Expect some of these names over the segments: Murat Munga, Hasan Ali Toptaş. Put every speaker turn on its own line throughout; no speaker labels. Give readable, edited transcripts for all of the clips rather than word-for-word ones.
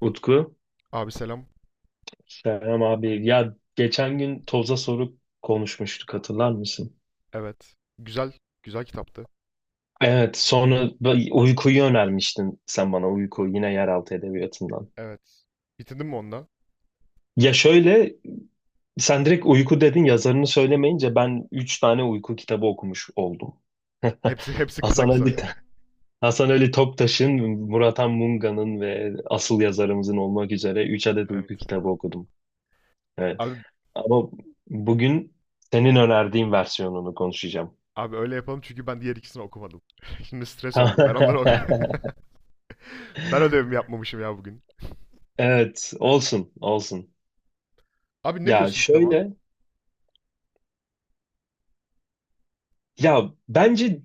Utku.
Abi selam.
Selam abi. Ya geçen gün toza soru konuşmuştuk, hatırlar mısın?
Evet. Güzel. Güzel kitaptı.
Evet, sonra uykuyu önermiştin sen bana, uyku, yine yeraltı edebiyatından.
Evet. Bitirdin mi onunla?
Ya şöyle, sen direkt uyku dedin, yazarını söylemeyince ben 3 tane uyku kitabı okumuş oldum.
Hepsi kısa
Hasan
kısa.
Ali, Hasan Ali Toptaş'ın, Murat Munga'nın ve asıl yazarımızın olmak üzere 3 adet
Evet.
uyku kitabı okudum. Evet.
Abi
Ama bugün senin önerdiğin versiyonunu konuşacağım.
abi öyle yapalım çünkü ben diğer ikisini okumadım. Şimdi stres oldum. Ben onları ok
Tamam.
Ben ödevimi yapmamışım ya bugün.
Evet, olsun, olsun.
Abi ne
Ya
diyorsun kitaba?
şöyle, ya bence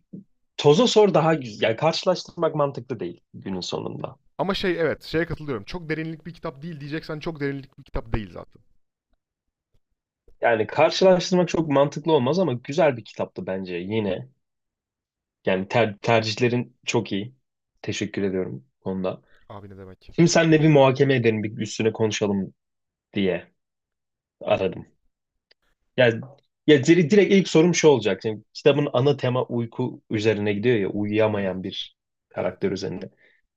toza sor daha güzel. Yani karşılaştırmak mantıklı değil günün sonunda.
Ama şey evet şeye katılıyorum. Çok derinlik bir kitap değil diyeceksen çok derinlik bir kitap değil zaten.
Yani karşılaştırmak çok mantıklı olmaz ama güzel bir kitaptı bence yine. Yani tercihlerin çok iyi. Teşekkür ediyorum bu konuda.
Abi ne demek?
Şimdi senle bir muhakeme edelim, bir üstüne konuşalım diye aradım. Yani direkt ilk sorum şu olacak. Şimdi kitabın ana tema uyku üzerine gidiyor ya, uyuyamayan
Evet,
bir
evet.
karakter üzerinde.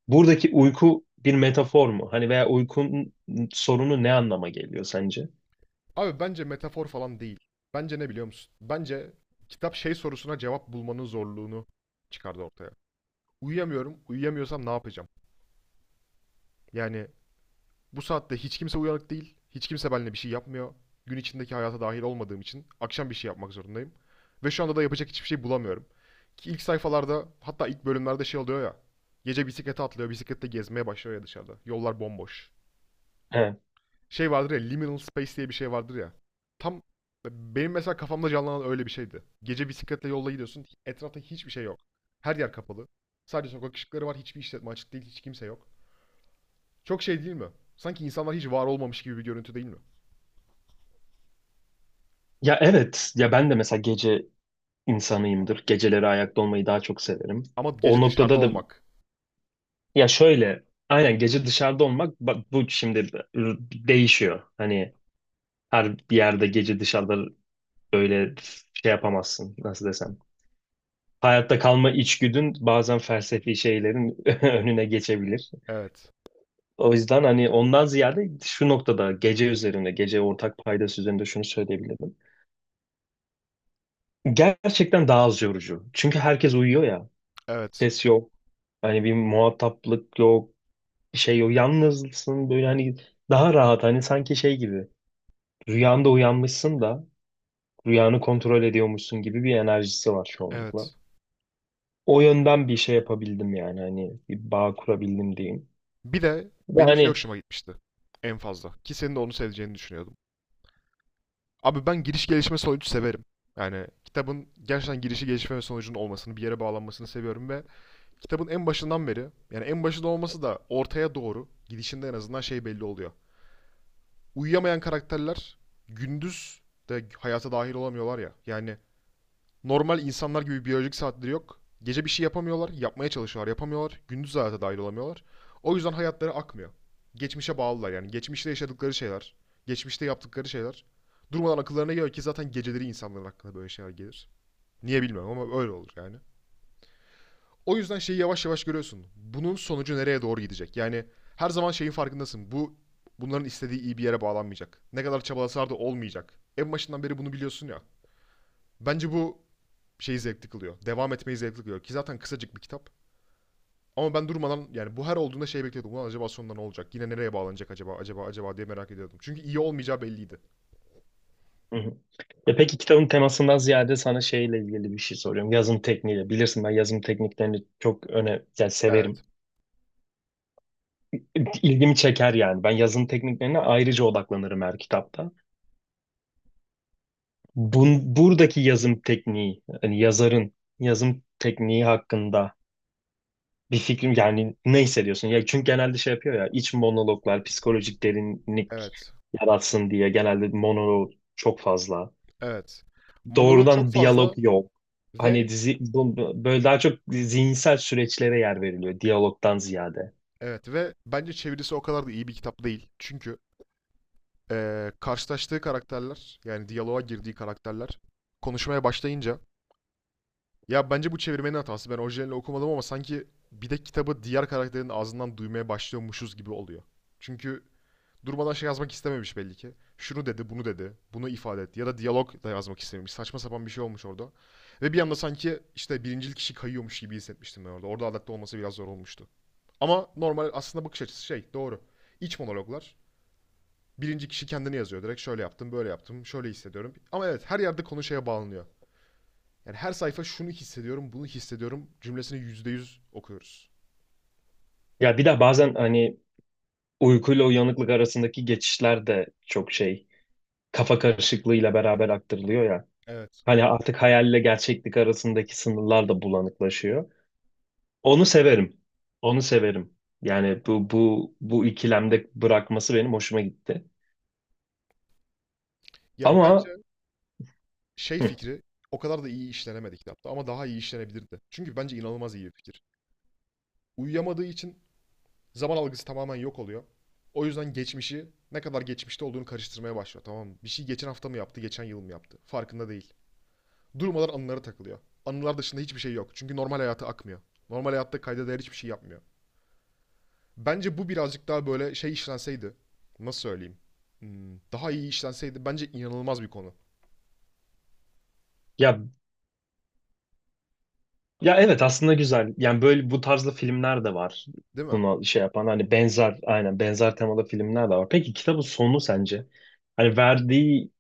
Buradaki uyku bir metafor mu? Hani veya uykunun sorunu ne anlama geliyor sence?
Abi bence metafor falan değil. Bence ne biliyor musun? Bence kitap şey sorusuna cevap bulmanın zorluğunu çıkardı ortaya. Uyuyamıyorum, uyuyamıyorsam ne yapacağım? Yani bu saatte hiç kimse uyanık değil. Hiç kimse benimle bir şey yapmıyor. Gün içindeki hayata dahil olmadığım için akşam bir şey yapmak zorundayım. Ve şu anda da yapacak hiçbir şey bulamıyorum. Ki ilk sayfalarda hatta ilk bölümlerde şey oluyor ya. Gece bisiklete atlıyor, bisiklette gezmeye başlıyor ya dışarıda. Yollar bomboş.
He.
Şey vardır ya, liminal space diye bir şey vardır ya. Tam benim mesela kafamda canlanan öyle bir şeydi. Gece bisikletle yolda gidiyorsun, etrafta hiçbir şey yok. Her yer kapalı. Sadece sokak ışıkları var, hiçbir işletme açık değil, hiç kimse yok. Çok şey değil mi? Sanki insanlar hiç var olmamış gibi bir görüntü değil mi?
Ya evet, ya ben de mesela gece insanıyımdır. Geceleri ayakta olmayı daha çok severim.
Ama
O
gece dışarıda
noktada da
olmak.
ya şöyle, aynen gece dışarıda olmak, bak, bu şimdi değişiyor. Hani her bir yerde gece dışarıda böyle şey yapamazsın, nasıl desem. Hayatta kalma içgüdün bazen felsefi şeylerin önüne geçebilir.
Evet.
O yüzden hani ondan ziyade şu noktada gece üzerinde, gece ortak paydası üzerinde şunu söyleyebilirim. Gerçekten daha az yorucu. Çünkü herkes uyuyor ya.
Evet.
Ses yok. Hani bir muhataplık yok. Bir şey yok. Yalnızsın, böyle hani daha rahat. Hani sanki şey gibi. Rüyanda uyanmışsın da rüyanı kontrol ediyormuşsun gibi bir enerjisi var çoğunlukla.
Evet.
O yönden bir şey yapabildim, yani hani bir bağ kurabildim diyeyim.
Bir de
Ve
benim şey
hani
hoşuma gitmişti. En fazla. Ki senin de onu seveceğini düşünüyordum. Abi ben giriş gelişme sonucu severim. Yani kitabın gerçekten girişi gelişme ve sonucunun olmasını, bir yere bağlanmasını seviyorum ve kitabın en başından beri, yani en başında olması da ortaya doğru gidişinde en azından şey belli oluyor. Uyuyamayan karakterler gündüz de hayata dahil olamıyorlar ya. Yani normal insanlar gibi biyolojik saatleri yok. Gece bir şey yapamıyorlar, yapmaya çalışıyorlar, yapamıyorlar. Gündüz hayata dahil olamıyorlar. O yüzden hayatları akmıyor. Geçmişe bağlılar yani. Geçmişte yaşadıkları şeyler, geçmişte yaptıkları şeyler. Durmadan akıllarına geliyor ki zaten geceleri insanların aklına böyle şeyler gelir. Niye bilmiyorum ama öyle olur yani. O yüzden şeyi yavaş yavaş görüyorsun. Bunun sonucu nereye doğru gidecek? Yani her zaman şeyin farkındasın. Bunların istediği iyi bir yere bağlanmayacak. Ne kadar çabalasalar da olmayacak. En başından beri bunu biliyorsun ya. Bence bu şeyi zevkli kılıyor. Devam etmeyi zevkli kılıyor. Ki zaten kısacık bir kitap. Ama ben durmadan yani bu her olduğunda şey bekliyordum. Ulan acaba sonunda ne olacak? Yine nereye bağlanacak acaba? Acaba acaba diye merak ediyordum. Çünkü iyi olmayacağı belliydi.
Hı hı. Ya peki, kitabın temasından ziyade sana şeyle ilgili bir şey soruyorum. Yazım tekniğiyle. Bilirsin ben yazım tekniklerini çok öne, yani
Evet.
severim. İlgimi çeker yani. Ben yazım tekniklerine ayrıca odaklanırım her kitapta. Buradaki yazım tekniği, hani yazarın yazım tekniği hakkında bir fikrim, yani ne hissediyorsun? Ya çünkü genelde şey yapıyor ya, iç monologlar, psikolojik derinlik
Evet.
yaratsın diye genelde monolog çok fazla,
Evet. Monolog çok
doğrudan diyalog
fazla
yok. Hani
ve
dizi böyle daha çok zihinsel süreçlere yer veriliyor diyalogdan ziyade.
evet ve bence çevirisi o kadar da iyi bir kitap değil. Çünkü karşılaştığı karakterler yani diyaloğa girdiği karakterler konuşmaya başlayınca ya bence bu çevirmenin hatası. Ben orijinalini okumadım ama sanki bir de kitabı diğer karakterin ağzından duymaya başlıyormuşuz gibi oluyor. Çünkü durmadan şey yazmak istememiş belli ki. Şunu dedi, bunu dedi, bunu ifade etti. Ya da diyalog da yazmak istememiş. Saçma sapan bir şey olmuş orada. Ve bir anda sanki işte birincil kişi kayıyormuş gibi hissetmiştim ben orada. Orada adapte olması biraz zor olmuştu. Ama normal aslında bakış açısı şey doğru. İç monologlar. Birinci kişi kendini yazıyor. Direkt şöyle yaptım, böyle yaptım, şöyle hissediyorum. Ama evet her yerde konu şeye bağlanıyor. Yani her sayfa şunu hissediyorum, bunu hissediyorum cümlesini %100 okuyoruz.
Ya bir de bazen hani uykuyla uyanıklık arasındaki geçişler de çok şey, kafa karışıklığıyla beraber aktarılıyor ya.
Evet.
Hani artık hayalle gerçeklik arasındaki sınırlar da bulanıklaşıyor. Onu severim. Onu severim. Yani bu ikilemde bırakması benim hoşuma gitti.
Ya bence
Ama
şey
hı,
fikri o kadar da iyi işlenemedi kitapta ama daha iyi işlenebilirdi. Çünkü bence inanılmaz iyi bir fikir. Uyuyamadığı için zaman algısı tamamen yok oluyor. O yüzden geçmişi ne kadar geçmişte olduğunu karıştırmaya başlıyor. Tamam mı? Bir şey geçen hafta mı yaptı, geçen yıl mı yaptı? Farkında değil. Durmadan anılara takılıyor. Anılar dışında hiçbir şey yok. Çünkü normal hayatı akmıyor. Normal hayatta kayda değer hiçbir şey yapmıyor. Bence bu birazcık daha böyle şey işlenseydi. Nasıl söyleyeyim? Daha iyi işlenseydi bence inanılmaz bir konu.
ya ya evet, aslında güzel. Yani böyle bu tarzda filmler de var.
Değil mi?
Buna şey yapan hani benzer, aynen benzer temalı filmler de var. Peki kitabın sonu sence? Hani verdiği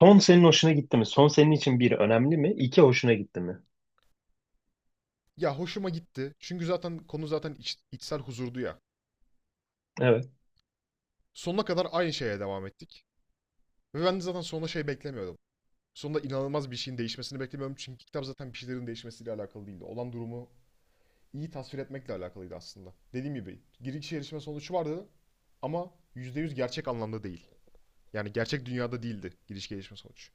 son senin hoşuna gitti mi? Son senin için bir önemli mi? İki, hoşuna gitti mi?
Ya hoşuma gitti. Çünkü zaten konu zaten içsel huzurdu ya.
Evet.
Sonuna kadar aynı şeye devam ettik. Ve ben de zaten sonunda şey beklemiyordum. Sonunda inanılmaz bir şeyin değişmesini beklemiyordum. Çünkü kitap zaten bir şeylerin değişmesiyle alakalı değildi. Olan durumu iyi tasvir etmekle alakalıydı aslında. Dediğim gibi giriş gelişme sonucu vardı ama %100 gerçek anlamda değil. Yani gerçek dünyada değildi giriş gelişme sonucu.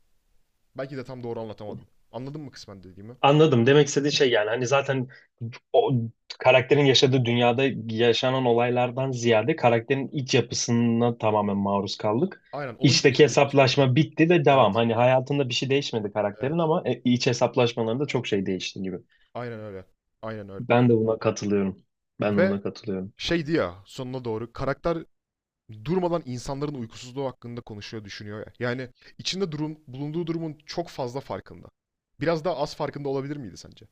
Belki de tam doğru anlatamadım. Anladın mı kısmen dediğimi?
Anladım. Demek istediğin şey, yani hani zaten o karakterin yaşadığı dünyada yaşanan olaylardan ziyade karakterin iç yapısına tamamen maruz kaldık.
Aynen onun giriş
İçteki
gelişme sonucu.
hesaplaşma bitti ve devam.
Evet,
Hani hayatında bir şey değişmedi karakterin
evet.
ama e, iç hesaplaşmalarında çok şey değişti gibi.
Aynen öyle. Aynen öyle.
Ben de buna katılıyorum. Ben de
Ve
buna katılıyorum.
şeydi ya sonuna doğru karakter durmadan insanların uykusuzluğu hakkında konuşuyor, düşünüyor ya. Yani içinde durum, bulunduğu durumun çok fazla farkında. Biraz daha az farkında olabilir miydi sence?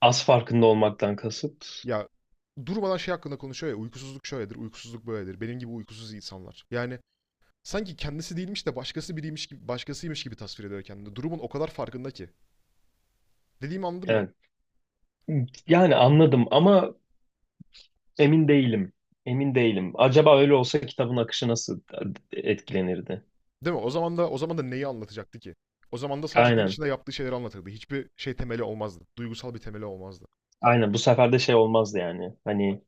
Az farkında olmaktan kasıt.
Ya durmadan şey hakkında konuşuyor ya uykusuzluk şöyledir, uykusuzluk böyledir. Benim gibi uykusuz insanlar. Yani sanki kendisi değilmiş de başkası biriymiş gibi, başkasıymış gibi tasvir ediyor kendini. Durumun o kadar farkında ki. Dediğimi anladın mı?
Evet. Yani anladım ama emin değilim. Emin değilim. Acaba öyle olsa kitabın akışı nasıl etkilenirdi?
Değil mi? O zaman da neyi anlatacaktı ki? O zaman da sadece gün
Aynen.
içinde yaptığı şeyleri anlatırdı. Hiçbir şey temeli olmazdı. Duygusal bir temeli olmazdı.
Aynen bu sefer de şey olmazdı yani. Hani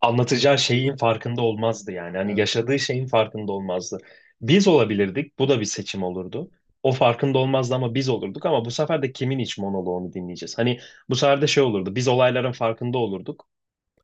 anlatacağı şeyin farkında olmazdı yani. Hani
Evet.
yaşadığı şeyin farkında olmazdı. Biz olabilirdik. Bu da bir seçim olurdu. O farkında olmazdı ama biz olurduk, ama bu sefer de kimin iç monoloğunu dinleyeceğiz? Hani bu sefer de şey olurdu. Biz olayların farkında olurduk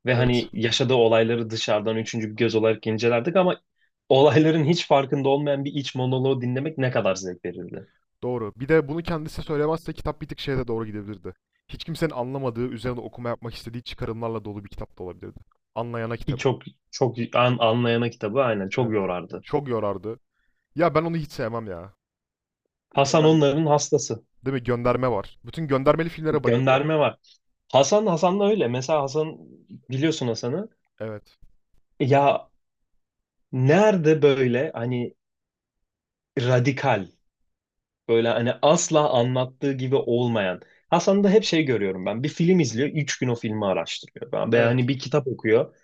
ve
Evet.
hani yaşadığı olayları dışarıdan üçüncü bir göz olarak incelerdik ama olayların hiç farkında olmayan bir iç monoloğu dinlemek ne kadar zevk verirdi.
Doğru. Bir de bunu kendisi söylemezse kitap bir tık şeye de doğru gidebilirdi. Hiç kimsenin anlamadığı, üzerine okuma yapmak istediği çıkarımlarla dolu bir kitap da olabilirdi. Anlayana
Ki
kitabı.
çok anlayana kitabı aynen çok
Evet.
yorardı.
Çok yorardı. Ya ben onu hiç sevmem ya.
Hasan
Gönder...
onların hastası.
Değil mi? Gönderme var. Bütün göndermeli filmlere bayılıyor.
Gönderme var. Hasan da öyle. Mesela Hasan, biliyorsun Hasan'ı.
Evet.
Ya nerede, böyle hani radikal, böyle hani asla anlattığı gibi olmayan. Hasan'da hep şey görüyorum ben. Bir film izliyor. Üç gün o filmi araştırıyor. Ben, veya
Evet.
hani bir kitap okuyor.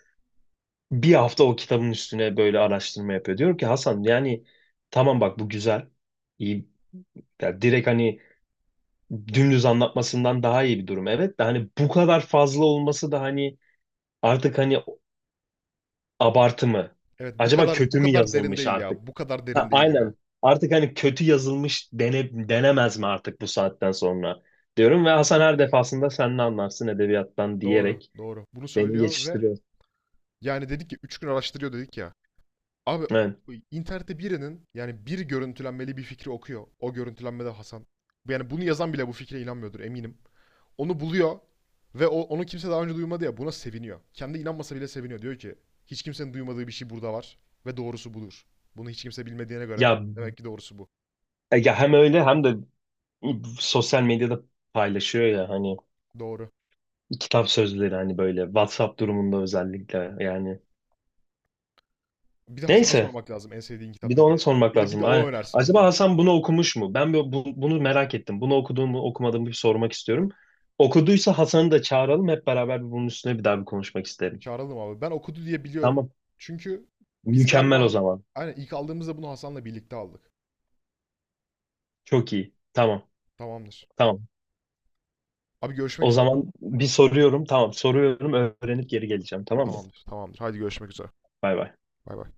Bir hafta o kitabın üstüne böyle araştırma yapıyor. Diyorum ki Hasan, yani tamam bak bu güzel, iyi, ya direkt hani dümdüz anlatmasından daha iyi bir durum. Evet, de hani bu kadar fazla olması da hani artık hani abartı mı?
Evet bu
Acaba
kadar bu
kötü mü
kadar derin
yazılmış
değil
artık?
ya. Bu kadar
Ha,
derin değil ya.
aynen. Artık hani kötü yazılmış denemez mi artık bu saatten sonra? Diyorum ve Hasan her defasında sen ne anlarsın edebiyattan
Doğru,
diyerek
doğru. Bunu
beni
söylüyor ve
geçiştiriyor.
yani dedik ya 3 gün araştırıyor dedik ya. Abi
Evet.
internette birinin yani bir görüntülenmeli bir fikri okuyor. O görüntülenmede Hasan. Yani bunu yazan bile bu fikre inanmıyordur eminim. Onu buluyor ve onu kimse daha önce duymadı ya buna seviniyor. Kendi inanmasa bile seviniyor. Diyor ki hiç kimsenin duymadığı bir şey burada var ve doğrusu budur. Bunu hiç kimse bilmediğine göre
Ya,
demek ki doğrusu bu.
ya hem öyle hem de sosyal medyada paylaşıyor ya, hani
Doğru.
kitap sözleri, hani böyle WhatsApp durumunda özellikle yani.
Bir de Hasan'a
Neyse,
sormak lazım en sevdiğin kitap
bir de
ne diye
onu
ya.
sormak
Bir de
lazım.
o
Aynen.
önersin
Acaba
bize.
Hasan bunu okumuş mu? Ben bunu merak ettim. Bunu okuduğumu okumadığımı bir sormak istiyorum. Okuduysa Hasan'ı da çağıralım. Hep beraber bir bunun üstüne bir daha bir konuşmak isterim.
Çağıralım abi. Ben okudu diye biliyorum.
Tamam.
Çünkü biz galiba
Mükemmel o zaman.
aynen ilk aldığımızda bunu Hasan'la birlikte aldık.
Çok iyi. Tamam.
Tamamdır.
Tamam.
Abi görüşmek
O
üzere.
zaman bir soruyorum. Tamam. Soruyorum. Öğrenip geri geleceğim. Tamam mı?
Tamamdır, tamamdır. Haydi görüşmek üzere.
Bay bay.
Bay bay.